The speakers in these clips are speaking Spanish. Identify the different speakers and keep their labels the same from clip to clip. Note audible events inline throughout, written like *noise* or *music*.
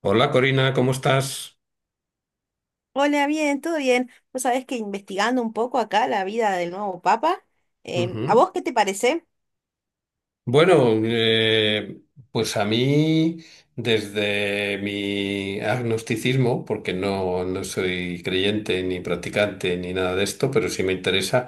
Speaker 1: Hola Corina, ¿cómo estás?
Speaker 2: Hola, bien, todo bien. Vos sabés que investigando un poco acá la vida del nuevo Papa, ¿a
Speaker 1: Ujú.
Speaker 2: vos qué te parece?
Speaker 1: Bueno, pues a mí, desde mi agnosticismo, porque no soy creyente ni practicante ni nada de esto, pero sí me interesa.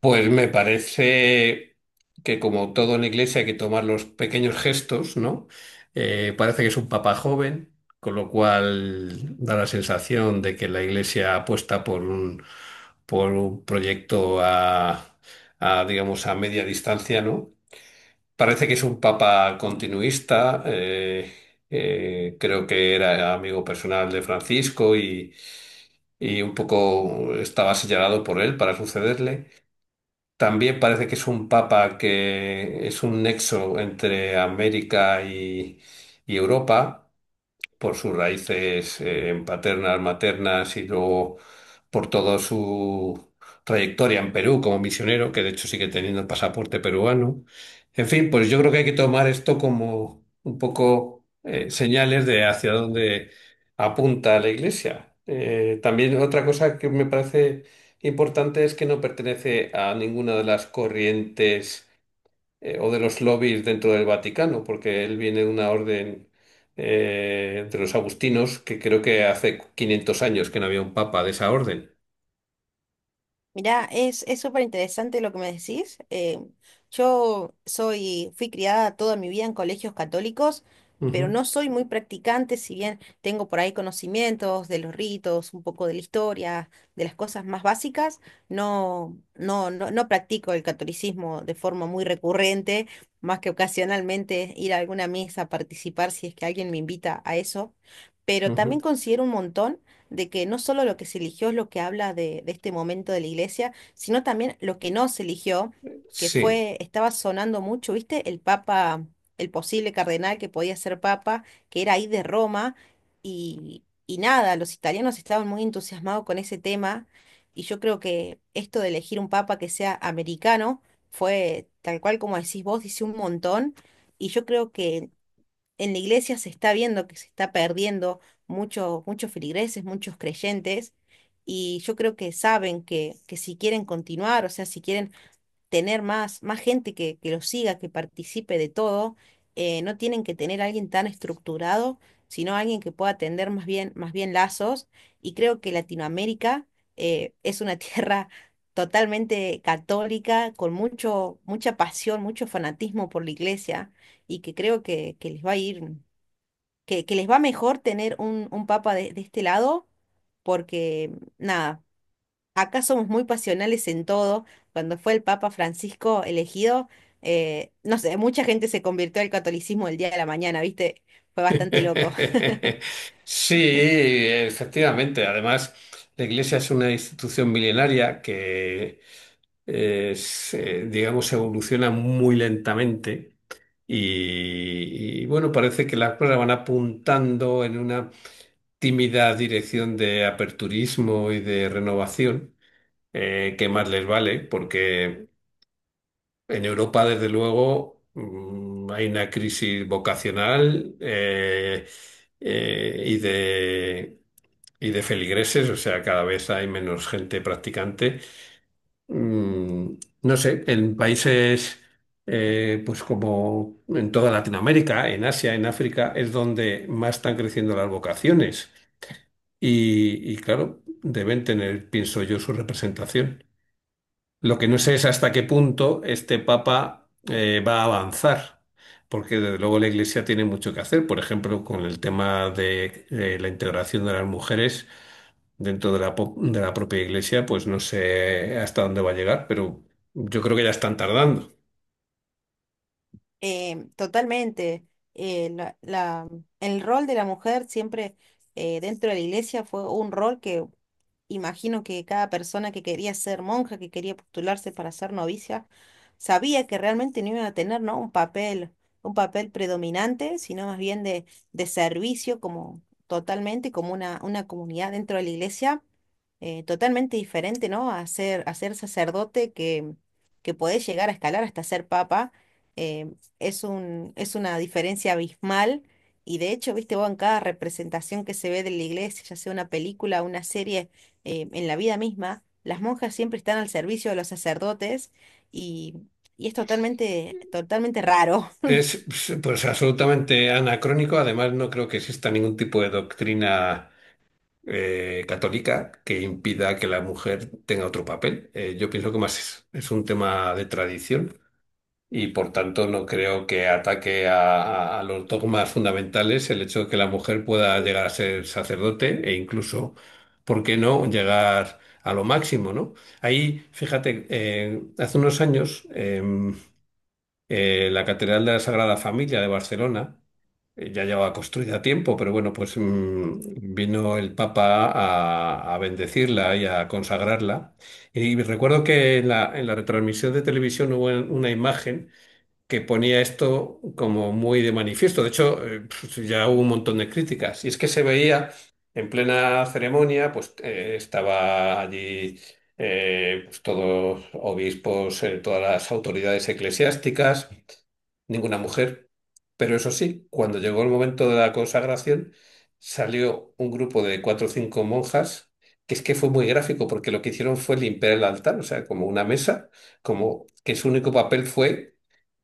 Speaker 1: Pues me parece que como todo en la iglesia hay que tomar los pequeños gestos, ¿no? Parece que es un papa joven, con lo cual da la sensación de que la iglesia apuesta por un proyecto a digamos, a media distancia, ¿no? Parece que es un papa continuista, creo que era amigo personal de Francisco y un poco estaba señalado por él para sucederle. También parece que es un papa que es un nexo entre América y Europa por sus raíces paternas, maternas y luego por toda su trayectoria en Perú como misionero, que de hecho sigue teniendo el pasaporte peruano. En fin, pues yo creo que hay que tomar esto como un poco señales de hacia dónde apunta la Iglesia. También otra cosa que me parece importante es que no pertenece a ninguna de las corrientes o de los lobbies dentro del Vaticano, porque él viene de una orden de los agustinos, que creo que hace quinientos años que no había un papa de esa orden.
Speaker 2: Mirá, es súper interesante lo que me decís. Yo soy, fui criada toda mi vida en colegios católicos, pero
Speaker 1: Ujú,
Speaker 2: no soy muy practicante, si bien tengo por ahí conocimientos de los ritos, un poco de la historia, de las cosas más básicas, no, no, no, no practico el catolicismo de forma muy recurrente, más que ocasionalmente ir a alguna misa a participar si es que alguien me invita a eso. Pero
Speaker 1: ujú.
Speaker 2: también considero un montón de que no solo lo que se eligió es lo que habla de este momento de la iglesia, sino también lo que no se eligió, que
Speaker 1: Sí.
Speaker 2: fue, estaba sonando mucho, ¿viste? El papa, el posible cardenal que podía ser papa, que era ahí de Roma, y nada, los italianos estaban muy entusiasmados con ese tema, y yo creo que esto de elegir un papa que sea americano fue, tal cual como decís vos, dice un montón. Y yo creo que en la iglesia se está viendo que se está perdiendo muchos feligreses, muchos creyentes, y yo creo que saben que si quieren continuar, o sea, si quieren tener más, más gente que los siga, que participe de todo, no tienen que tener a alguien tan estructurado, sino alguien que pueda tender más bien lazos, y creo que Latinoamérica es una *laughs* tierra totalmente católica, con mucho, mucha pasión, mucho fanatismo por la iglesia, y que creo que les va a ir que les va mejor tener un papa de este lado, porque nada, acá somos muy pasionales en todo. Cuando fue el Papa Francisco elegido, no sé, mucha gente se convirtió al catolicismo el día de la mañana, ¿viste? Fue bastante loco.
Speaker 1: *laughs*
Speaker 2: *laughs*
Speaker 1: Sí, efectivamente. Además, la Iglesia es una institución milenaria que, digamos, evoluciona muy lentamente. Y, y bueno, parece que las cosas van apuntando en una tímida dirección de aperturismo y de renovación, que más les vale, porque en Europa, desde luego, hay una crisis vocacional eh, y de, y de feligreses, o sea, cada vez hay menos gente practicante. Mm, no sé, en países... pues como en toda Latinoamérica, en Asia, en África, es donde más están creciendo las vocaciones y claro, deben tener, pienso yo, su representación. Lo que no sé es hasta qué punto este Papa va a avanzar, porque desde luego la Iglesia tiene mucho que hacer, por ejemplo, con el tema de la integración de las mujeres dentro de de la propia Iglesia. Pues no sé hasta dónde va a llegar, pero yo creo que ya están tardando.
Speaker 2: Totalmente. eh, la- la- el rol de la mujer siempre dentro de la iglesia fue un rol que imagino que cada persona que quería ser monja, que quería postularse para ser novicia, sabía que realmente no iba a tener, ¿no?, un papel predominante, sino más bien de servicio como totalmente, como una comunidad dentro de la iglesia, totalmente diferente, ¿no?, a ser sacerdote que podés llegar a escalar hasta ser papa. eh, es una diferencia abismal. Y de hecho, viste vos, en cada representación que se ve de la iglesia, ya sea una película, una serie, en la vida misma, las monjas siempre están al servicio de los sacerdotes y, y es totalmente, totalmente raro,
Speaker 1: Es pues absolutamente anacrónico. Además, no creo que exista ningún tipo de doctrina católica que impida que la mujer tenga otro papel. Yo pienso que es un tema de tradición, y por tanto no creo que ataque a los dogmas fundamentales el hecho de que la mujer pueda llegar a ser sacerdote e incluso, ¿por qué no?, llegar a lo máximo, ¿no? Ahí, fíjate, hace unos años... la Catedral de la Sagrada Familia de Barcelona ya llevaba construida tiempo, pero bueno, pues mm, vino el Papa a bendecirla y a consagrarla. Y recuerdo que en en la retransmisión de televisión hubo una imagen que ponía esto como muy de manifiesto. De hecho, pues ya hubo un montón de críticas. Y es que se veía en plena ceremonia, pues estaba allí pues todos obispos, todas las autoridades eclesiásticas, ninguna mujer. Pero eso sí, cuando llegó el momento de la consagración, salió un grupo de cuatro o cinco monjas, que es que fue muy gráfico, porque lo que hicieron fue limpiar el altar, o sea, como una mesa, como que su único papel fue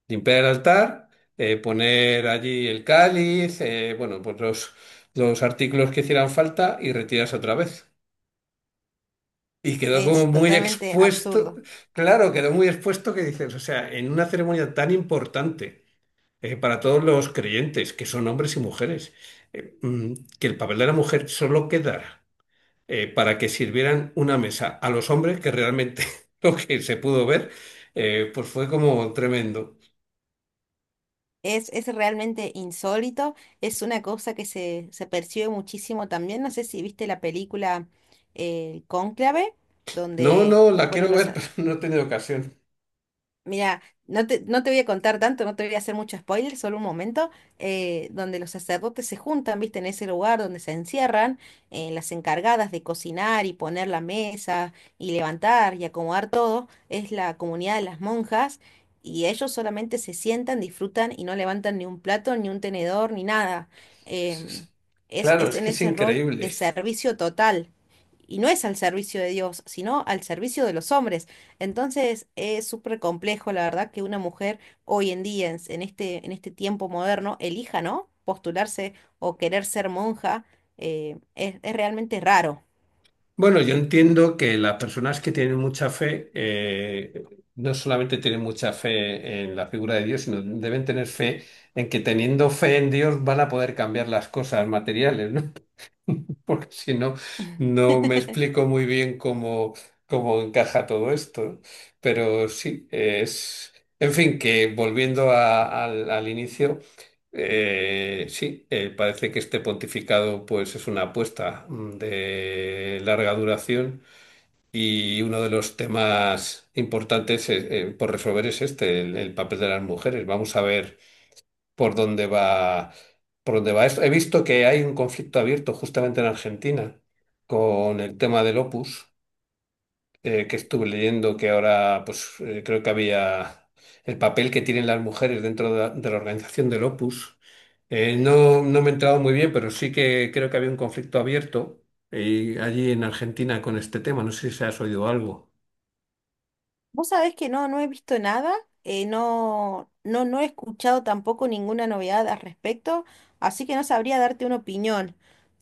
Speaker 1: limpiar el altar, poner allí el cáliz, bueno, pues los artículos que hicieran falta y retirarse otra vez. Y
Speaker 2: *laughs*
Speaker 1: quedó como
Speaker 2: es
Speaker 1: muy
Speaker 2: totalmente
Speaker 1: expuesto,
Speaker 2: absurdo.
Speaker 1: claro, quedó muy expuesto, que dices, o sea, en una ceremonia tan importante para todos los creyentes, que son hombres y mujeres, mm, que el papel de la mujer solo quedara para que sirvieran una mesa a los hombres, que realmente *laughs* lo que se pudo ver, pues fue como tremendo.
Speaker 2: Es realmente insólito, es una cosa que se percibe muchísimo también. No sé si viste la película Cónclave,
Speaker 1: No,
Speaker 2: donde,
Speaker 1: no, la
Speaker 2: bueno,
Speaker 1: quiero
Speaker 2: los...
Speaker 1: ver, *laughs* pero no he tenido ocasión.
Speaker 2: Mira, no te voy a contar tanto, no te voy a hacer mucho spoiler, solo un momento, donde los sacerdotes se juntan, viste, en ese lugar donde se encierran, las encargadas de cocinar y poner la mesa y levantar y acomodar todo, es la comunidad de las monjas, y ellos solamente se sientan, disfrutan y no levantan ni un plato, ni un tenedor, ni nada.
Speaker 1: Es-
Speaker 2: Em,
Speaker 1: es- Claro,
Speaker 2: es
Speaker 1: es
Speaker 2: en
Speaker 1: que es
Speaker 2: ese rol de
Speaker 1: increíble.
Speaker 2: servicio total. Y no es al servicio de Dios, sino al servicio de los hombres, entonces es súper complejo, la verdad, que una mujer hoy en día, en este tiempo moderno, elija, ¿no?, postularse o querer ser monja. Es realmente raro.
Speaker 1: Bueno, yo entiendo que las personas que tienen mucha fe, no solamente tienen mucha fe en la figura de Dios, sino deben tener fe en que teniendo fe en Dios van a poder cambiar las cosas materiales, ¿no? Porque si no, no me
Speaker 2: *laughs*
Speaker 1: explico muy bien cómo, cómo encaja todo esto. Pero sí, es... En fin, que volviendo al inicio, sí, parece que este pontificado pues es una apuesta mm, de larga duración, y uno de los temas importantes por resolver es este, el papel de las mujeres. Vamos a ver por dónde va, por dónde va esto. He visto que hay un conflicto abierto justamente en Argentina con el tema del Opus, que estuve leyendo que ahora, pues creo que había el papel que tienen las mujeres dentro de de la organización del Opus. No me he entrado muy bien, pero sí que creo que había un conflicto abierto allí en Argentina con este tema. No sé si has oído algo.
Speaker 2: Vos sabés que no, no he visto nada, no he escuchado tampoco ninguna novedad al respecto, así que no sabría darte una opinión,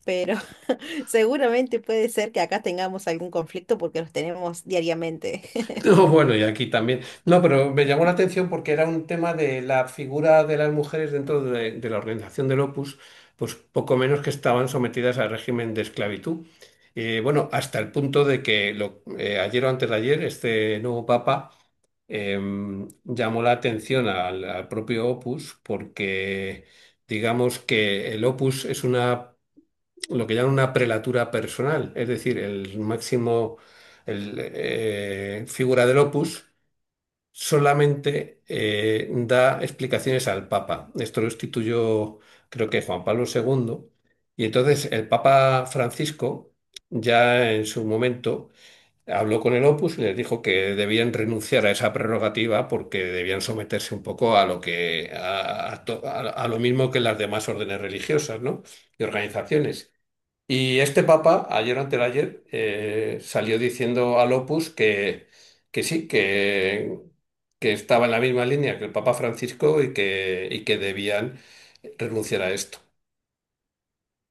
Speaker 2: pero *laughs* seguramente puede ser que acá tengamos algún conflicto porque los tenemos diariamente.
Speaker 1: *laughs* No, bueno, y aquí también. No, pero me llamó la atención porque era un tema de la figura de las mujeres dentro de la organización del Opus, pues poco menos que estaban sometidas al régimen de esclavitud. Bueno, hasta el punto de que ayer o antes de ayer, este nuevo papa em, llamó la atención al propio Opus, porque digamos que el Opus es una, lo que llaman una prelatura personal, es decir, el máximo, el figura del opus, solamente da explicaciones al Papa. Esto lo instituyó, creo que, Juan Pablo II. Y entonces el Papa Francisco, ya en su momento, habló con el opus y les dijo que debían renunciar a esa prerrogativa, porque debían someterse un poco a lo que, a lo mismo que las demás órdenes religiosas, ¿no?, y organizaciones. Y este papa, ayer o anteayer, salió diciendo al Opus que sí, que estaba en la misma línea que el Papa Francisco y que debían renunciar a esto.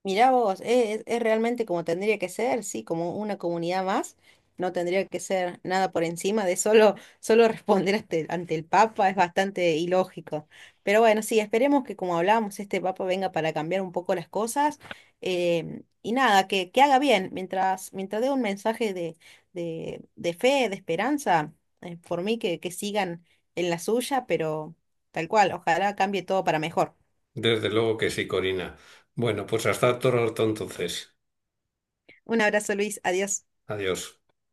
Speaker 2: Mirá vos, es realmente como tendría que ser, sí, como una comunidad más. No tendría que ser nada por encima de solo, *laughs* solo responder ante, ante el Papa, es bastante ilógico. Pero bueno, sí, esperemos que como hablábamos, este Papa venga para cambiar un poco las cosas. Y nada, que haga bien, mientras, mientras dé un mensaje de fe, de esperanza, por mí que sigan en la suya, pero tal cual, ojalá cambie todo para mejor.
Speaker 1: Desde luego que sí, Corina. Bueno, pues hasta otro rato entonces.
Speaker 2: Un abrazo, Luis, adiós.
Speaker 1: Adiós.